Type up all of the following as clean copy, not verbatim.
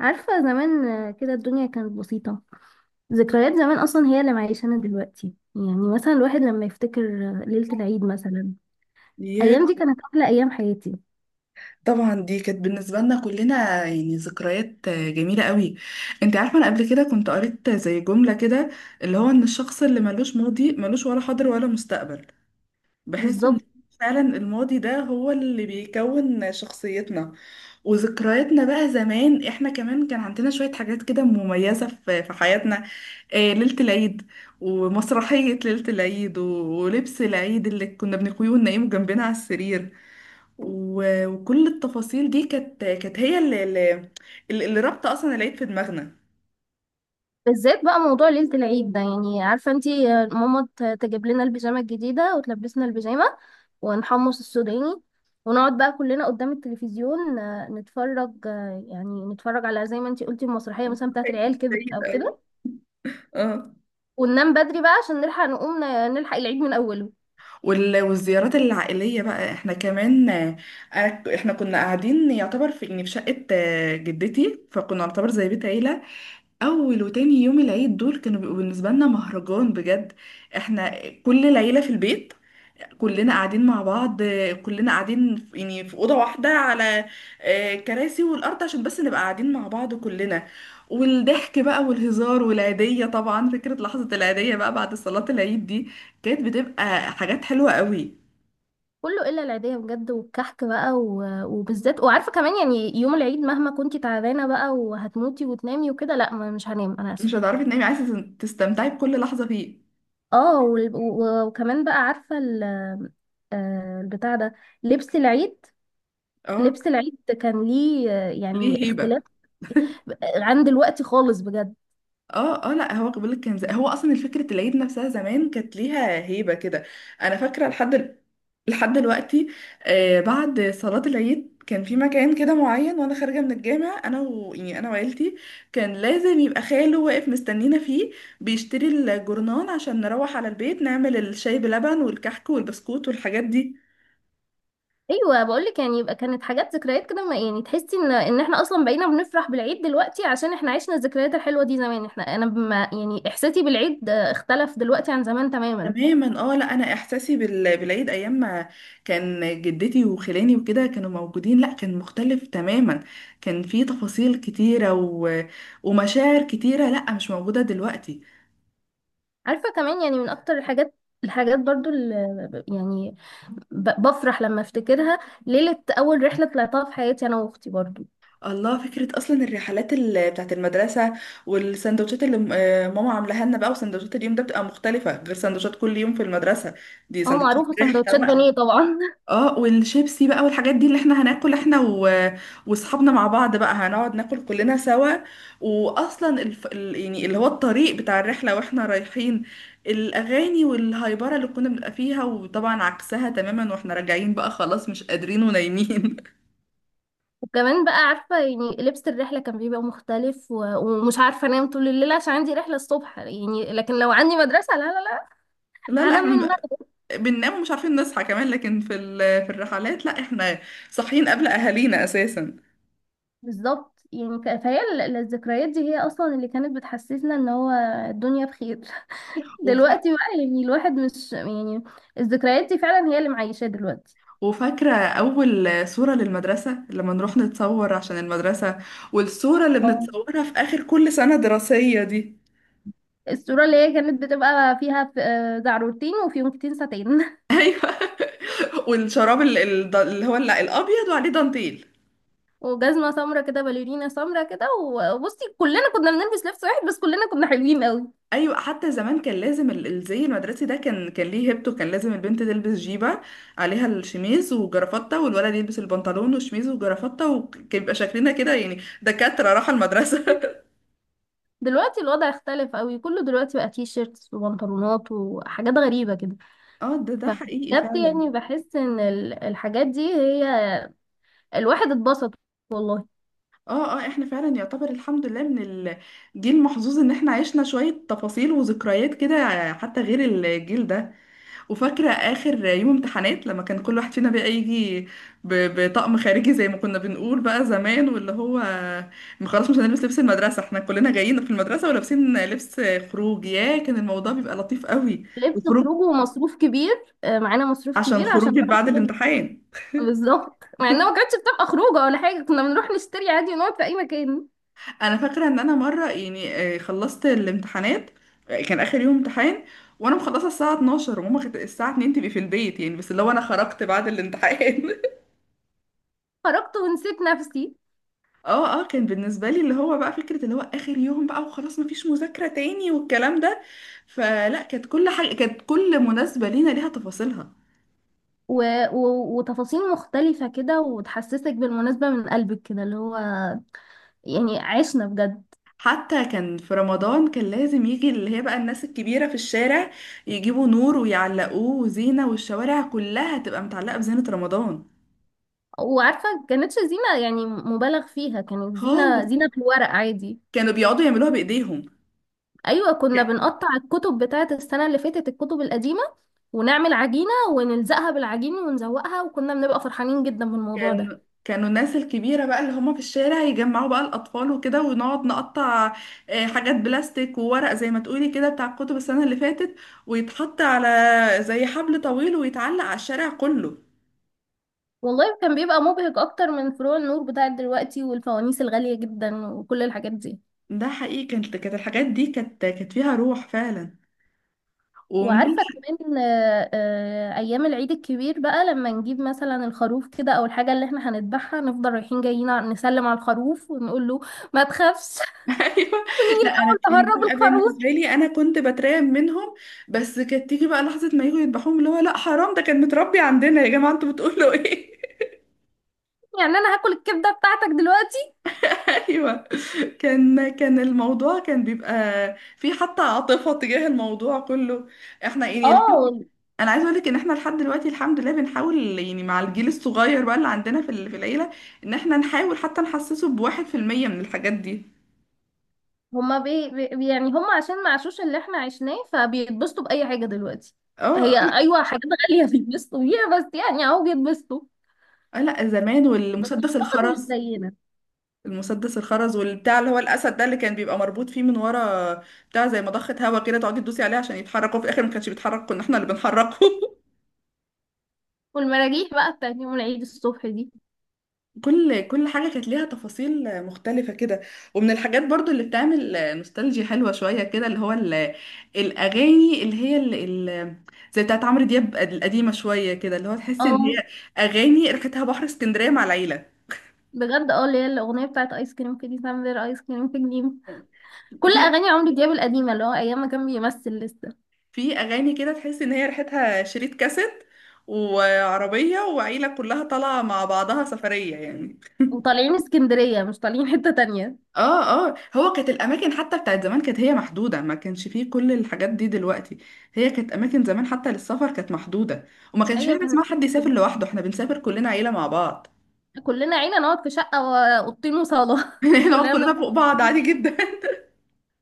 عارفة زمان آه، كده الدنيا كانت بسيطة. ذكريات زمان أصلا هي اللي معيشانا دلوقتي. يعني مثلا الواحد لما يفتكر آه، ليلة العيد مثلا، يا الأيام دي كانت أحلى أيام حياتي. طبعا دي كانت بالنسبة لنا كلنا يعني ذكريات جميلة قوي. انت عارفة انا قبل كده كنت قريت زي جملة كده اللي هو ان الشخص اللي ملوش ماضي ملوش ولا حاضر ولا مستقبل. بحس ان بالظبط. فعلا الماضي ده هو اللي بيكون شخصيتنا وذكرياتنا. بقى زمان احنا كمان كان عندنا شوية حاجات كده مميزة في حياتنا، ليلة العيد، ومسرحية ليلة العيد ولبس العيد اللي كنا بنقويه وننيمه جنبنا على السرير، وكل التفاصيل دي كانت هي اللي اللي, رابطه اصلا العيد في دماغنا. بالذات بقى موضوع ليلة العيد ده، يعني عارفة انتي آه، ماما تجيب لنا البيجامة الجديدة وتلبسنا البيجامة ونحمص السوداني ونقعد بقى كلنا قدام التلفزيون آه، نتفرج، آه، يعني نتفرج على زي ما انتي قلتي المسرحية مثلا بتاعت العيال عيد، كبرت عيد، أو أيوة. كده. اه وننام بدري بقى عشان نلحق نقوم نلحق العيد من أوله. والزيارات العائليه بقى، احنا كمان احنا كنا قاعدين يعتبر في يعني في شقه جدتي، فكنا نعتبر زي بيت عيله. اول وتاني يوم العيد دول كانوا بيبقوا بالنسبه لنا مهرجان بجد. احنا كل العيله في البيت، كلنا قاعدين مع بعض، كلنا قاعدين يعني في أوضة واحدة، على كراسي والأرض، عشان بس نبقى قاعدين مع بعض كلنا. والضحك بقى والهزار والعيدية. طبعا فكرة لحظة العيدية بقى بعد صلاة العيد دي كانت بتبقى حاجات حلوة قوي. كله الا العيديه بجد والكحك بقى وبالذات. وعارفه كمان يعني يوم العيد مهما كنتي تعبانه بقى وهتموتي وتنامي وكده، لا، مش هنام انا مش اسفه. هتعرفي تنامي، عايزة تستمتعي بكل لحظة فيه. اه وكمان بقى عارفه آه، البتاع ده، لبس العيد. اه، لبس العيد كان ليه آه، ليه يعني هيبة. اختلاف عن دلوقتي خالص بجد. اه اه، لا هو بقول لك كان زي، هو اصلا فكره العيد نفسها زمان كانت ليها هيبه كده. انا فاكره لحد دلوقتي، آه، بعد صلاه العيد كان في مكان كده معين، وانا خارجه من الجامع انا يعني انا وعيلتي، كان لازم يبقى خاله واقف مستنينا فيه، بيشتري الجورنان، عشان نروح على البيت نعمل الشاي بلبن والكحك والبسكوت والحاجات دي. ايوه بقول لك يعني، يبقى كانت حاجات ذكريات كده. يعني تحسي ان احنا اصلا بقينا بنفرح بالعيد دلوقتي عشان احنا عشنا الذكريات الحلوه دي زمان. احنا انا بما يعني احساسي بالعيد آه، اختلف دلوقتي عن زمان تماما. تماما، اه لا انا احساسي بالعيد ايام ما كان جدتي وخلاني وكده كانوا موجودين، لا كان مختلف تماما. كان في تفاصيل كتيره ومشاعر كتيره، لا مش موجوده دلوقتي. عارفة كمان يعني من أكتر الحاجات، الحاجات برضو اللي بفرح لما افتكرها، ليلة أول رحلة طلعتها في حياتي أنا وأختي برضو. الله، فكره اصلا الرحلات بتاعت المدرسه، والسندوتشات اللي ماما عاملاها لنا بقى. وسندوتشات اليوم ده بتبقى مختلفه غير سندوتشات كل يوم في المدرسه، دي اه سندوتشات معروفة الرحله سندوتشات بقى. بانيه طبعا اه، والشيبسي بقى والحاجات دي اللي احنا هناكل احنا واصحابنا مع بعض بقى، هنقعد ناكل كلنا سوا. واصلا يعني اللي هو الطريق بتاع الرحله واحنا رايحين، الاغاني والهايبره اللي كنا بنبقى فيها. وطبعا عكسها تماما واحنا راجعين بقى، خلاص مش قادرين ونايمين. وكمان بقى عارفة يعني لبس الرحلة كان بيبقى مختلف، ومش عارفة أنام طول الليل عشان عندي رحلة الصبح، يعني لكن لو عندي مدرسة لا لا لا، لا لا هنام احنا من بنبقى- المغرب. بننام ومش عارفين نصحى كمان. لكن في في الرحلات، لا احنا صاحيين قبل اهالينا اساسا. بالظبط يعني، فهي الذكريات دي هي أصلا اللي كانت بتحسسنا إن هو الدنيا بخير. دلوقتي بقى يعني الواحد مش يعني، الذكريات دي فعلا هي اللي معيشاه دلوقتي. وفاكرة أول صورة للمدرسة لما نروح نتصور عشان المدرسة، والصورة اللي اه. بنتصورها في آخر كل سنة دراسية دي. الصورة اللي هي كانت بتبقى فيها آه، زعرورتين وفيونكتين ساتين. والشراب اللي هو الأبيض وعليه دانتيل. وجزمة سمرة كده، باليرينا سمرة كده. وبصي كلنا كنا بنلبس لبس واحد، بس كلنا كنا حلوين قوي. أيوة، حتى زمان كان لازم الزي المدرسي ده كان ليه هيبته. كان لازم البنت تلبس جيبة عليها الشميز وجرافتة، والولد يلبس البنطلون والشميز وجرافتة. وكان بيبقى شكلنا كده يعني دكاترة، راحة المدرسة. دلوقتي الوضع اختلف قوي، كله دلوقتي بقى تي شيرتس وبنطلونات وحاجات غريبة كده. اه، ده حقيقي فبجد فعلا. يعني بحس ان الحاجات دي هي، الواحد اتبسط والله. اه اه، احنا فعلا يعتبر الحمد لله من الجيل المحظوظ ان احنا عشنا شوية تفاصيل وذكريات كده، حتى غير الجيل ده. وفاكرة اخر يوم امتحانات، لما كان كل واحد فينا بقى يجي بطقم خارجي، زي ما كنا بنقول بقى زمان، واللي هو خلاص مش هنلبس لبس المدرسة. احنا كلنا جايين في المدرسة ولابسين لبس خروج، يا كان الموضوع بيبقى لطيف قوي. لبس وخروج خروجه ومصروف كبير، آه، معانا مصروف عشان كبير عشان خروج بعد نخرج. الامتحان. بالظبط، مع انها ما كانتش بتبقى خروجه ولا حاجه، كنا بنروح نشتري عادي ونقعد في اي مكان. انا فاكره ان انا مره يعني خلصت الامتحانات، كان اخر يوم امتحان، وانا مخلصه الساعه 12 وماما كانت الساعه 2 تبقي في البيت يعني، بس اللي هو انا خرجت بعد الامتحان. خرجت ونسيت نفسي. اه اه، كان بالنسبه لي اللي هو بقى فكره اللي هو اخر يوم بقى وخلاص مفيش مذاكره تاني والكلام ده. فلا، كانت كل حاجه، كانت كل مناسبه لينا ليها تفاصيلها. و... وتفاصيل مختلفه كده وتحسسك بالمناسبه من قلبك كده، اللي هو يعني عشنا بجد. حتى كان في رمضان، كان لازم يجي اللي هي بقى الناس الكبيره في الشارع، يجيبوا نور ويعلقوه وزينه، والشوارع كلها تبقى متعلقه بزينه رمضان وعارفه كانتش زينه يعني مبالغ فيها، كانت زينه، خالص. زينه في الورق عادي. كانوا بيقعدوا يعملوها بايديهم ايوه كنا يعني. بنقطع الكتب بتاعه السنه اللي فاتت، الكتب القديمه، ونعمل عجينه ونلزقها بالعجين ونزوقها، وكنا بنبقى فرحانين جدا بالموضوع ده. كان كانوا الناس الكبيرة بقى اللي هم في الشارع يجمعوا بقى الأطفال وكده، ونقعد نقطع حاجات بلاستيك وورق، زي ما تقولي كده بتاع الكتب السنة اللي فاتت، ويتحط على زي حبل طويل ويتعلق على الشارع كله. والله كان بيبقى مبهج اكتر من فروع النور بتاعت دلوقتي والفوانيس الغالية جدا وكل الحاجات دي. ده حقيقي، كانت الحاجات دي كانت فيها روح فعلا. ومن وعارفة ال- كمان آه، آه، ايام العيد الكبير بقى لما نجيب مثلا الخروف كده او الحاجة اللي احنا هنذبحها، نفضل رايحين جايين نسلم على الخروف ونقول له ما تخافش. ايوه. ونيجي لا انا نحاول كان نهرب بيبقى الخروف. بالنسبه لي انا كنت بترعب منهم، بس كانت تيجي بقى لحظه ما يجوا يذبحوهم، اللي هو لا حرام، ده كان متربي عندنا يا جماعه انتوا بتقولوا ايه. يعني انا هاكل الكبدة بتاعتك دلوقتي؟ ايوه، كان كان الموضوع كان بيبقى في حتى عاطفه تجاه الموضوع كله. احنا يعني اه. انا عايزه اقول لك ان احنا لحد دلوقتي الحمد لله بنحاول يعني مع الجيل الصغير بقى اللي عندنا في العيله، ان احنا نحاول حتى نحسسه ب1% من الحاجات دي. هما يعني هما عشان ما عاشوش اللي احنا عشناه، فبيتبسطوا بأي حاجة دلوقتي. اه هي اه، ايوه حاجات غالية بيتبسطوا بيها، بس يعني اهو بيتبسطوا. لا لا، زمان بس والمسدس اعتقد مش الخرز. زينا. المسدس الخرز والبتاع اللي هو الاسد ده اللي كان بيبقى مربوط فيه من ورا، بتاع زي مضخه هوا كده تقعدي تدوسي عليه عشان يتحرك، وفي الاخر ما كانش بيتحرك، كنا احنا اللي بنحركه. والمراجيح بقى بتاعت يوم العيد الصبح دي. كل حاجة كانت ليها تفاصيل مختلفة كده. ومن الحاجات برضو اللي بتعمل نوستالجي حلوة شوية كده، اللي هو الأغاني اللي هي ال زي بتاعت عمرو دياب القديمة شوية كده، اللي هو تحس إن هي اه أغاني ريحتها بحر اسكندرية مع العيلة. بجد، اه اللي هي الاغنيه بتاعت ايس كريم كيدي سامبر، ايس كريم في جليم. كل في اغاني عمرو دياب القديمه اللي هو ايام ما كان بيمثل لسه. في أغاني كده تحس إن هي ريحتها شريط كاسيت، وعربية وعيلة كلها طالعة مع بعضها سفرية يعني. وطالعين اسكندريه مش طالعين حته تانية. اه اه، هو كانت الاماكن حتى بتاعت زمان كانت هي محدوده، ما كانش فيه كل الحاجات دي دلوقتي. هي كانت اماكن زمان حتى للسفر كانت محدوده، وما كانش فيه ايوه، حاجه كان اسمها حد يسافر لوحده، احنا بنسافر كلنا عيله مع بعض. كلنا عينا نقعد في شقه واوضتين وصاله نقعد كلنا كلنا بنبقى فوق بعض عادي مبسوطين. جدا.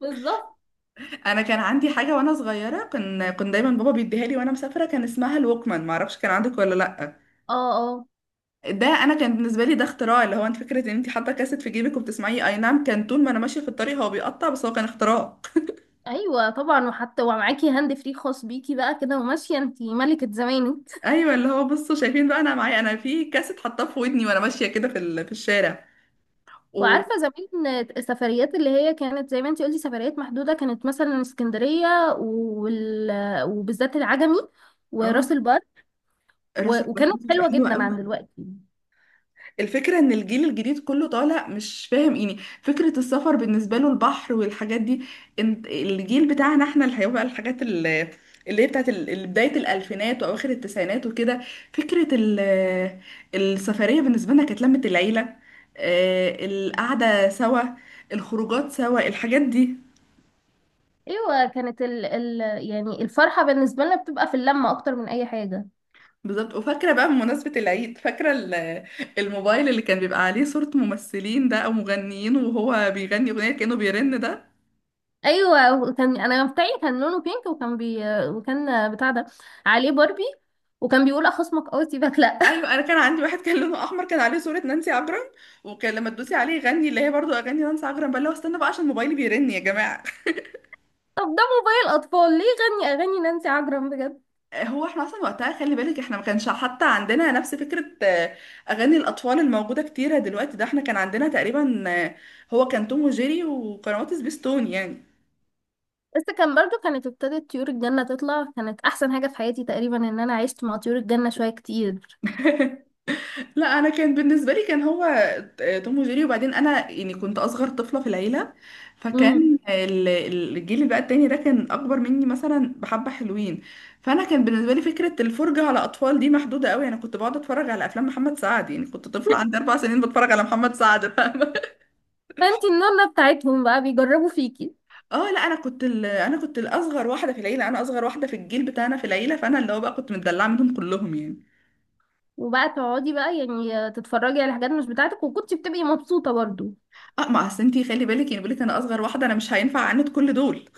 بالظبط. انا كان عندي حاجه وانا صغيره، كان كنت دايما بابا بيديها لي وانا مسافره، كان اسمها الوكمان، ما اعرفش كان عندك ولا لا. اه اه ده انا كان بالنسبه لي ده اختراع، اللي هو انت فكره ان انت حاطه كاسيت في جيبك وبتسمعيه. اي نعم كان طول ما انا ماشيه في الطريق هو بيقطع، بس هو كان اختراع. ايوه طبعا، وحتى ومعاكي هاند فري خاص بيكي بقى كده، وماشيه انتي ملكه زمانك. ايوه اللي هو بصوا شايفين بقى انا معايا انا في كاسيت حاطاه في ودني وانا ماشيه كده في الشارع و. وعارفة زمان السفريات اللي هي كانت زي ما انتي قلتي سفريات محدودة، كانت مثلا اسكندرية، وال... وبالذات العجمي اه، وراس البر، راس البر وكانت دي بتبقى حلوة حلوه جدا عن قوي. دلوقتي. الفكره ان الجيل الجديد كله طالع مش فاهم يعني فكره السفر بالنسبه له البحر والحاجات دي. انت الجيل بتاعنا احنا اللي هيبقى الحاجات اللي اللي هي بتاعت بدايه الالفينات واواخر التسعينات وكده. فكره السفريه بالنسبه لنا كانت لمه العيله، القعده سوا، الخروجات سوا، الحاجات دي. ايوه، كانت يعني الفرحة بالنسبة لنا بتبقى في اللمة اكتر من اي حاجة. بالظبط. وفاكرة بقى بمناسبة العيد، فاكرة الموبايل اللي كان بيبقى عليه صورة ممثلين ده أو مغنيين، وهو بيغني أغنية كأنه بيرن ده. ايوه كان انا بتاعي كان لونه بينك، وكان بتاع ده عليه باربي، وكان بيقول اخصمك اه سيبك لا. أيوة، أنا كان عندي واحد كان لونه أحمر، كان عليه صورة نانسي عجرم، وكان لما تدوسي عليه يغني اللي هي برضو أغاني نانسي عجرم بقى، اللي هو استنى بقى عشان موبايلي بيرن يا جماعة. طب ده موبايل اطفال ليه غني اغاني نانسي عجرم بجد؟ هو احنا أصلا وقتها خلي بالك احنا ما كانش حتى عندنا نفس فكرة أغاني الأطفال الموجودة كتيرة دلوقتي. ده احنا كان عندنا تقريبا هو كان توم وجيري وقنوات سبيستون يعني. بس كان برضو، كانت ابتدت طيور الجنة تطلع، كانت أحسن حاجة في حياتي تقريبا إن أنا عشت مع طيور الجنة شوية كتير. لا انا كان بالنسبه لي كان هو توم وجيري. وبعدين انا يعني كنت اصغر طفله في العيله، امم. فكان الجيل بقى التاني ده كان اكبر مني، مثلا بحبه حلوين. فانا كان بالنسبه لي فكره الفرجه على اطفال دي محدوده قوي، انا كنت بقعد اتفرج على افلام محمد سعد يعني، كنت طفله عندي 4 سنين بتفرج على محمد سعد، فاهمه. فانتي النونة بتاعتهم بقى بيجربوا فيكي، اه لا، انا كنت انا كنت الاصغر واحده في العيله، انا اصغر واحده في الجيل بتاعنا في العيله، فانا اللي هو بقى كنت متدلعه منهم كلهم يعني. وبقى تقعدي بقى يعني تتفرجي على حاجات مش بتاعتك، وكنتي بتبقي مبسوطة برضو. اه، ما اصل انتي خلي بالك يعني بقول لك انا اصغر واحده، انا مش هينفع اعاند كل دول.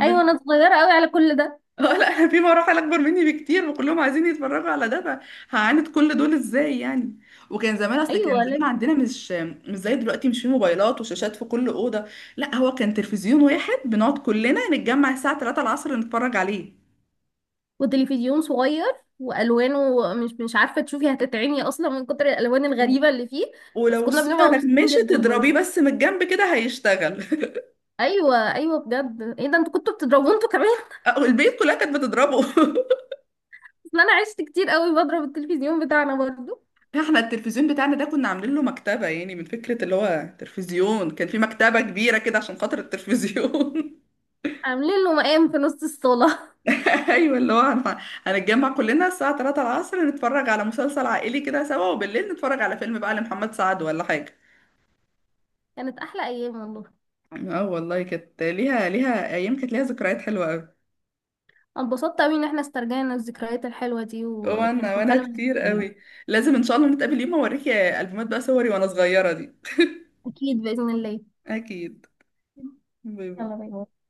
أيوة أنا صغيرة أوي على كل ده. اه لا انا في مراحل اكبر مني بكتير وكلهم عايزين يتفرجوا على ده، فهعاند كل دول ازاي يعني. وكان زمان، اصل كان أيوة زمان لازم. عندنا مش مش زي دلوقتي، مش في موبايلات وشاشات في كل اوضه. لا هو كان تلفزيون واحد، بنقعد كلنا نتجمع الساعه 3 العصر نتفرج عليه. وتلفزيون صغير، وألوانه مش عارفة تشوفي، هتتعمي أصلا من كتر الألوان الغريبة اللي فيه. بس ولو كنا الصوره بنبقى مبسوطين نغمشت جدا تضربيه برضو. بس من الجنب كده هيشتغل. أيوة أيوة بجد، إيه ده انتوا كنتوا بتضربوا انتوا كمان؟ أو البيت كلها كانت بتضربه. اصل انا عشت كتير قوي بضرب التلفزيون بتاعنا برضو. احنا التلفزيون بتاعنا ده كنا عاملين له مكتبه يعني، من فكره اللي هو تلفزيون، كان في مكتبه كبيره كده عشان خاطر التلفزيون. عاملين له مقام في نص الصاله. ايوه اللي هو هنتجمع كلنا الساعة 3 العصر نتفرج على مسلسل عائلي كده سوا، وبالليل نتفرج على فيلم بقى لمحمد سعد ولا حاجة. كانت احلى ايام والله. اه والله، كانت ليها، ليها ايام، كانت ليها ذكريات حلوة قوي. أنا اتبسطت قوي ان احنا استرجعنا الذكريات الحلوه دي، وانا، وكانت وانا مكالمه كتير لذيذة. قوي. لازم ان شاء الله نتقابل يوم اوريكي البومات بقى صوري وانا صغيرة دي. اكيد باذن الله. اكيد. باي باي. يلا باي باي